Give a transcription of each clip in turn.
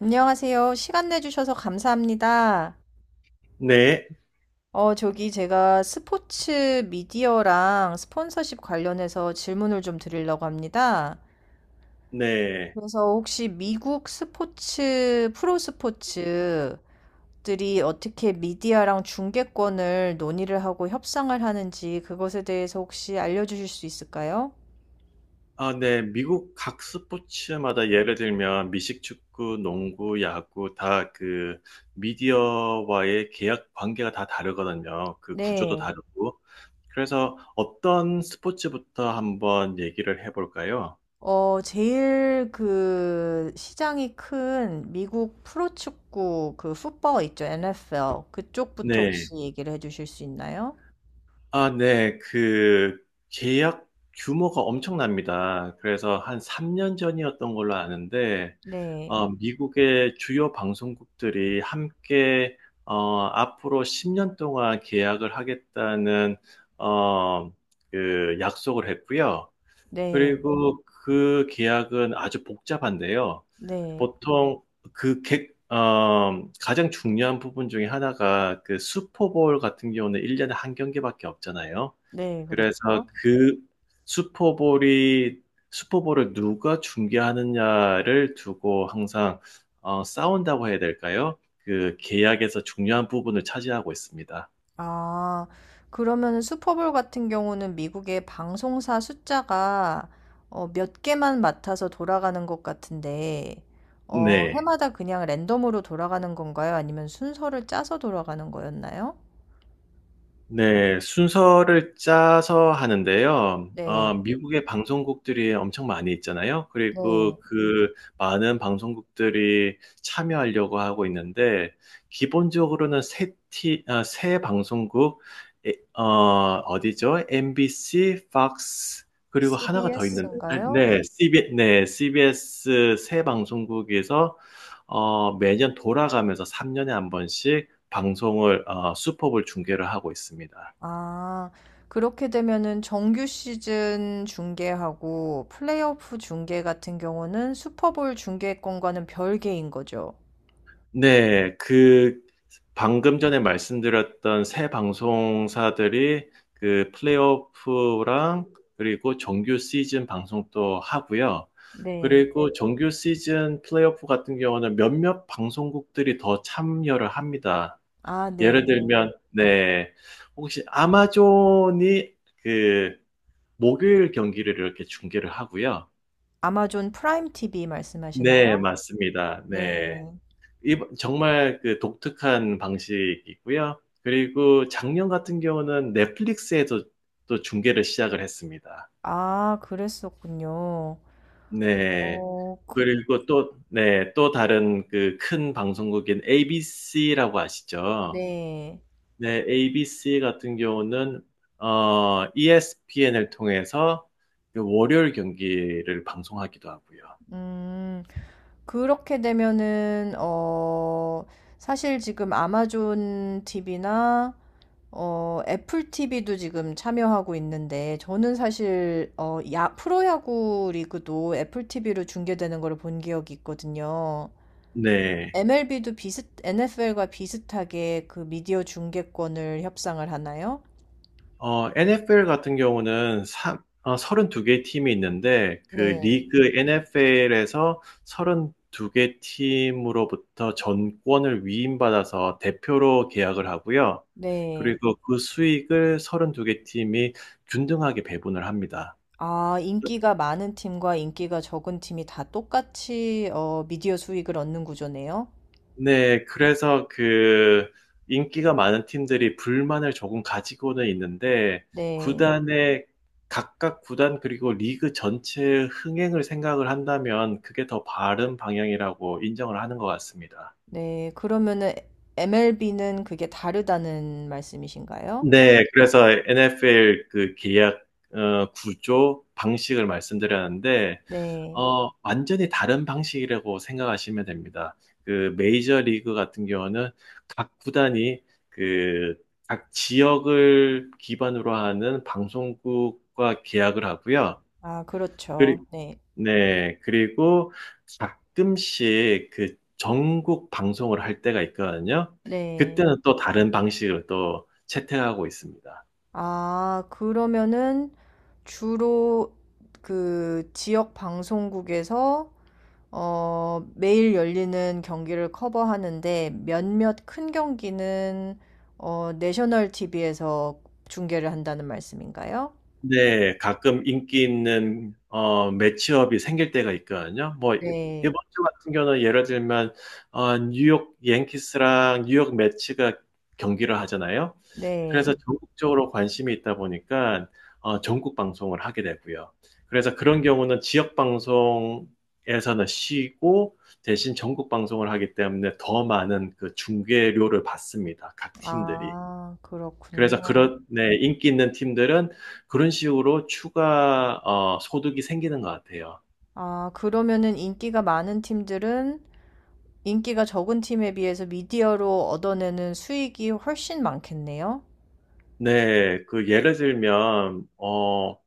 안녕하세요. 시간 내주셔서 감사합니다. 네, 저기 제가 스포츠 미디어랑 스폰서십 관련해서 질문을 좀 드리려고 합니다. 네. 그래서 혹시 미국 스포츠, 프로 스포츠들이 어떻게 미디어랑 중계권을 논의를 하고 협상을 하는지 그것에 대해서 혹시 알려주실 수 있을까요? 아, 네. 미국 각 스포츠마다 예를 들면 미식 축구, 농구, 야구 다 그 미디어와의 계약 관계가 다 다르거든요. 그 구조도 네. 다르고. 그래서 어떤 스포츠부터 한번 얘기를 해볼까요? 제일 그 시장이 큰 미국 프로축구 그 풋볼 있죠, NFL. 그쪽부터 네. 혹시 얘기를 해주실 수 있나요? 아, 네. 그 계약 규모가 엄청납니다. 그래서 한 3년 전이었던 걸로 아는데, 네, 미국의 주요 방송국들이 함께 앞으로 10년 동안 계약을 하겠다는 어, 그 약속을 했고요. 네, 그리고 그 계약은 아주 복잡한데요. 네, 보통 가장 중요한 부분 중에 하나가 그 슈퍼볼 같은 경우는 1년에 한 경기밖에 없잖아요. 네, 그래서 그렇죠. 그 슈퍼볼이 슈퍼볼을 누가 중계하느냐를 두고 항상 싸운다고 해야 될까요? 그 계약에서 중요한 부분을 차지하고 있습니다. 아, 그러면 슈퍼볼 같은 경우는 미국의 방송사 숫자가 몇 개만 맡아서 돌아가는 것 같은데, 네. 해마다 그냥 랜덤으로 돌아가는 건가요? 아니면 순서를 짜서 돌아가는 거였나요? 네, 순서를 짜서 하는데요. 네, 네. 미국의 방송국들이 엄청 많이 있잖아요. 그리고 네. 그 많은 방송국들이 참여하려고 하고 있는데, 기본적으로는 세 방송국, 에, 어, 어디죠? MBC, Fox, 그리고 하나가 더 있는데, 아, CBS인가요? 네, CBS 세 방송국에서 매년 돌아가면서 3년에 한 번씩 방송을 어, 수법을 중계를 하고 있습니다. 아, 그렇게 되면은 정규 시즌 중계하고 플레이오프 중계 같은 경우는 슈퍼볼 중계권과는 별개인 거죠. 네, 그 방금 전에 말씀드렸던 새 방송사들이 그 플레이오프랑 그리고 정규 시즌 방송도 하고요. 네. 그리고 정규 시즌 플레이오프 같은 경우는 몇몇 방송국들이 더 참여를 합니다. 아, 네네. 예를 들면, 네, 혹시 아마존이 그 목요일 경기를 이렇게 중계를 하고요. 아마존 프라임 TV 네, 말씀하시나요? 맞습니다. 네. 네. 정말 그 독특한 방식이고요. 그리고 작년 같은 경우는 넷플릭스에도 또 중계를 시작을 했습니다. 아, 그랬었군요. 네. 어, 그, 그리고 또, 네, 또 다른 그 큰 방송국인 ABC라고 아시죠? 네. 네, ABC 같은 경우는 ESPN을 통해서 그 월요일 경기를 방송하기도 하고요. 음, 그렇게 되면은, 사실 지금 아마존 TV나 애플 TV도 지금 참여하고 있는데, 저는 사실, 프로야구 리그도 애플 TV로 중계되는 걸 본 기억이 있거든요. 네. MLB도 비슷, NFL과 비슷하게 그 미디어 중계권을 협상을 하나요? NFL 같은 경우는 32개 팀이 있는데, 그 네, 리그 NFL에서 32개 팀으로부터 전권을 위임받아서 대표로 계약을 하고요. 네. 그리고 그 수익을 32개 팀이 균등하게 배분을 합니다. 아, 인기가 많은 팀과 인기가 적은 팀이 다 똑같이, 미디어 수익을 얻는 구조네요. 네, 그래서 그 인기가 많은 팀들이 불만을 조금 가지고는 있는데 네, 구단의 각각 구단 그리고 리그 전체의 흥행을 생각을 한다면 그게 더 바른 방향이라고 인정을 하는 것 같습니다. 네. 그러면은 MLB는 그게 다르다는 말씀이신가요? 네. 그래서 NFL 그 계약 구조 방식을 말씀드렸는데 네. 완전히 다른 방식이라고 생각하시면 됩니다. 그 메이저 리그 같은 경우는 각 구단이 그 각 지역을 기반으로 하는 방송국과 계약을 하고요. 아, 그리 그렇죠. 네. 네. 그리고 가끔씩 그 전국 방송을 할 때가 있거든요. 네. 그때는 또 다른 방식을 또 채택하고 있습니다. 아, 그러면은 주로 그 지역 방송국에서 매일 열리는 경기를 커버하는데 몇몇 큰 경기는 내셔널 TV에서 중계를 한다는 말씀인가요? 네, 가끔 인기 있는 매치업이 생길 때가 있거든요. 뭐 이번 네. 주 같은 경우는 예를 들면 뉴욕 양키스랑 뉴욕 매치가 경기를 하잖아요. 네. 그래서 전국적으로 관심이 있다 보니까 전국 방송을 하게 되고요. 그래서 그런 경우는 지역 방송에서는 쉬고 대신 전국 방송을 하기 때문에 더 많은 그 중계료를 받습니다. 각 팀들이. 아, 그래서 그렇군요. 그런 네, 인기 있는 팀들은 그런 식으로 추가 소득이 생기는 것 같아요. 아, 그러면은 인기가 많은 팀들은 인기가 적은 팀에 비해서 미디어로 얻어내는 수익이 훨씬 많겠네요. 네, 그 예를 들면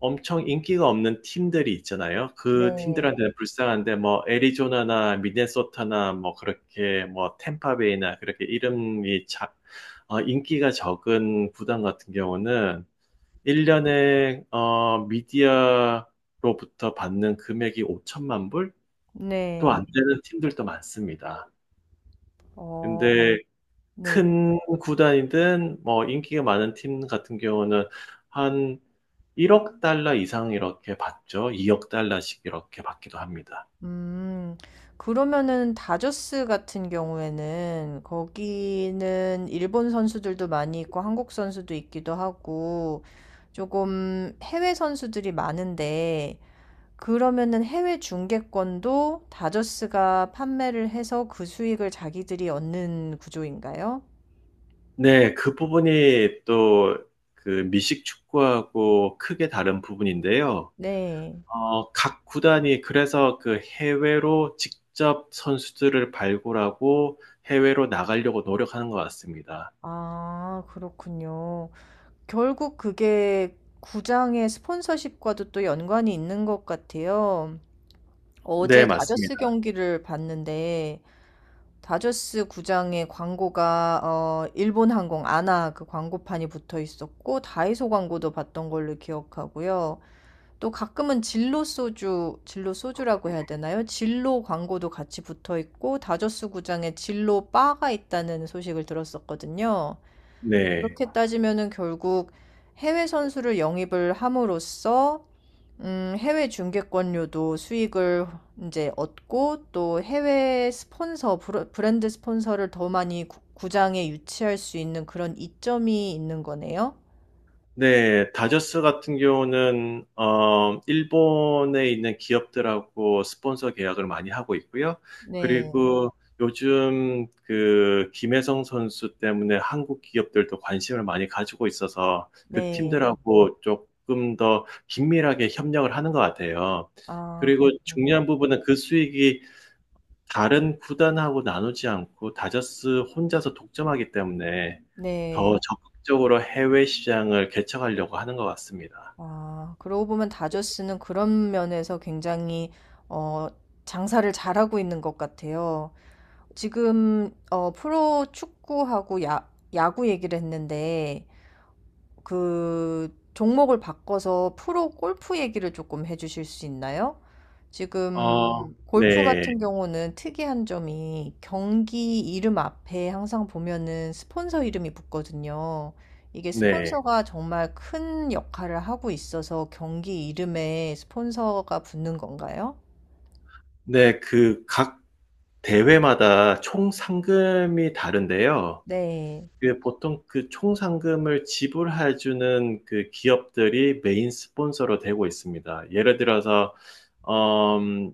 엄청 인기가 없는 팀들이 있잖아요. 그 네. 팀들한테는 불쌍한데 뭐 애리조나나 미네소타나 뭐 그렇게 뭐 템파베이나 그렇게 인기가 적은 구단 같은 경우는 1년에 미디어로부터 받는 금액이 5천만 불? 또 네. 안 되는 팀들도 많습니다. 네. 어, 근데 네. 큰 구단이든 뭐 인기가 많은 팀 같은 경우는 한 1억 달러 이상 이렇게 받죠. 2억 달러씩 이렇게 받기도 합니다. 음, 그러면은 다저스 같은 경우에는 거기는 일본 선수들도 많이 있고 한국 선수도 있기도 하고 조금 해외 선수들이 많은데 그러면은 해외 중계권도 다저스가 판매를 해서 그 수익을 자기들이 얻는 구조인가요? 네, 그 부분이 또 그 미식 축구하고 크게 다른 부분인데요. 네. 각 구단이 그래서 그 해외로 직접 선수들을 발굴하고 해외로 나가려고 노력하는 것 같습니다. 아 그렇군요. 결국 그게 구장의 스폰서십과도 또 연관이 있는 것 같아요. 네, 어제 네. 맞습니다. 다저스 경기를 봤는데 다저스 구장의 광고가 어 일본 항공 아나 그 광고판이 붙어 있었고 다이소 광고도 봤던 걸로 기억하고요. 또 가끔은 진로 소주, 진로 소주라고 해야 되나요? 진로 광고도 같이 붙어 있고 다저스 구장에 진로 바가 있다는 소식을 들었었거든요. 네. 그렇게 따지면은 결국 해외 선수를 영입을 함으로써 해외 중계권료도 수익을 이제 얻고 또 해외 스폰서, 브랜드 스폰서를 더 많이 구장에 유치할 수 있는 그런 이점이 있는 거네요. 네, 다저스 같은 경우는 일본에 있는 기업들하고 스폰서 계약을 많이 하고 있고요. 네, 그리고 요즘 그 김혜성 선수 때문에 한국 기업들도 관심을 많이 가지고 있어서 그 네. 팀들하고 조금 더 긴밀하게 협력을 하는 것 같아요. 아, 그리고 중요한 그렇군요. 부분은 그 수익이 다른 구단하고 나누지 않고 다저스 혼자서 독점하기 때문에 더 네. 적극적으로 해외 시장을 개척하려고 하는 것 같습니다. 아, 그러고 보면 다저스는 그런 면에서 굉장히 어, 장사를 잘하고 있는 것 같아요. 지금 프로 축구하고 야구 얘기를 했는데 그 종목을 바꿔서 프로 골프 얘기를 조금 해주실 수 있나요? 어, 지금 골프 네, 같은 경우는 특이한 점이 경기 이름 앞에 항상 보면은 스폰서 이름이 붙거든요. 이게 네, 스폰서가 정말 큰 역할을 하고 있어서 경기 이름에 스폰서가 붙는 건가요? 네, 그 각 대회마다 총 상금이 다른데요. 네. 그 보통 그 총 상금을 지불해주는 그 기업들이 메인 스폰서로 되고 있습니다. 예를 들어서 음,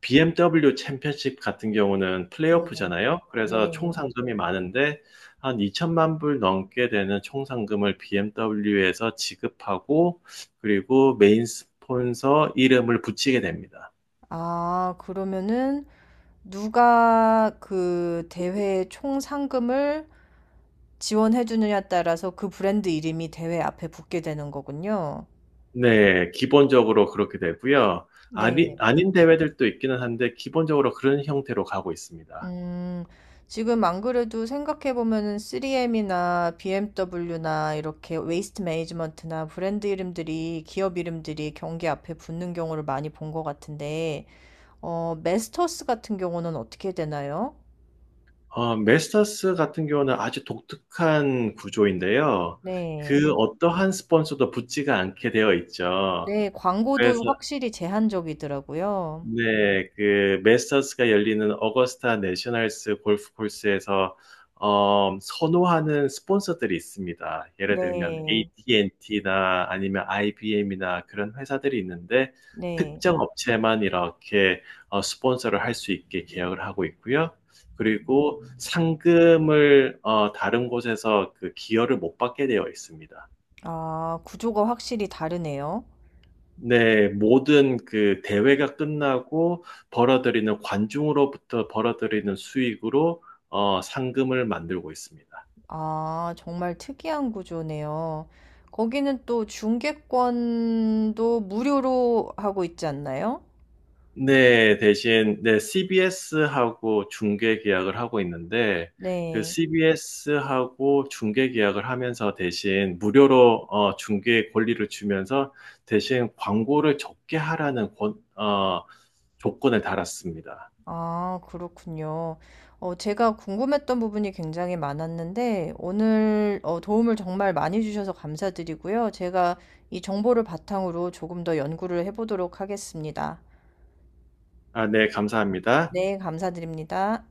BMW 챔피언십 같은 경우는 예. 플레이오프잖아요. 그래서 네. 총 상금이 많은데 한 2천만 불 넘게 되는 총 상금을 BMW에서 지급하고 그리고 메인 스폰서 이름을 붙이게 됩니다. 아, 그러면은 누가 그 대회 총 상금을 지원해 주느냐에 따라서 그 브랜드 이름이 대회 앞에 붙게 되는 거군요. 네, 기본적으로 그렇게 되고요. 아니, 네. 아닌 대회들도 있기는 한데 기본적으로 그런 형태로 가고 있습니다. 음, 지금 안 그래도 생각해 보면은 3M이나 BMW나 이렇게 웨이스트 매니지먼트나 브랜드 이름들이 기업 이름들이 경기 앞에 붙는 경우를 많이 본 것 같은데, 메스터스 같은 경우는 어떻게 되나요? 메스터스 같은 경우는 아주 독특한 구조인데요. 네. 그 어떠한 스폰서도 붙지가 않게 되어 있죠. 네, 그래서 광고도 확실히 제한적이더라고요. 네, 그 메스터스가 열리는 어거스타 내셔널스 골프 코스에서 선호하는 스폰서들이 있습니다. 예를 들면 네. AT&T나 아니면 IBM이나 그런 회사들이 있는데 네. 특정 업체만 이렇게 스폰서를 할 수 있게 계약을 하고 있고요. 그리고 상금을 다른 곳에서 그 기여를 못 받게 되어 있습니다. 아, 구조가 확실히 다르네요. 네, 모든 그 대회가 끝나고 벌어들이는 관중으로부터 벌어들이는 수익으로 상금을 만들고 있습니다. 아, 정말 특이한 구조네요. 거기는 또 중계권도 무료로 하고 있지 않나요? 네, 대신 네, CBS하고 중계 계약을 하고 있는데 그 네. CBS하고 중계 계약을 하면서 대신 무료로 중계 권리를 주면서 대신 광고를 적게 하라는 조건을 달았습니다. 아, 그렇군요. 제가 궁금했던 부분이 굉장히 많았는데, 오늘 도움을 정말 많이 주셔서 감사드리고요. 제가 이 정보를 바탕으로 조금 더 연구를 해보도록 하겠습니다. 아, 네, 감사합니다. 네, 감사드립니다.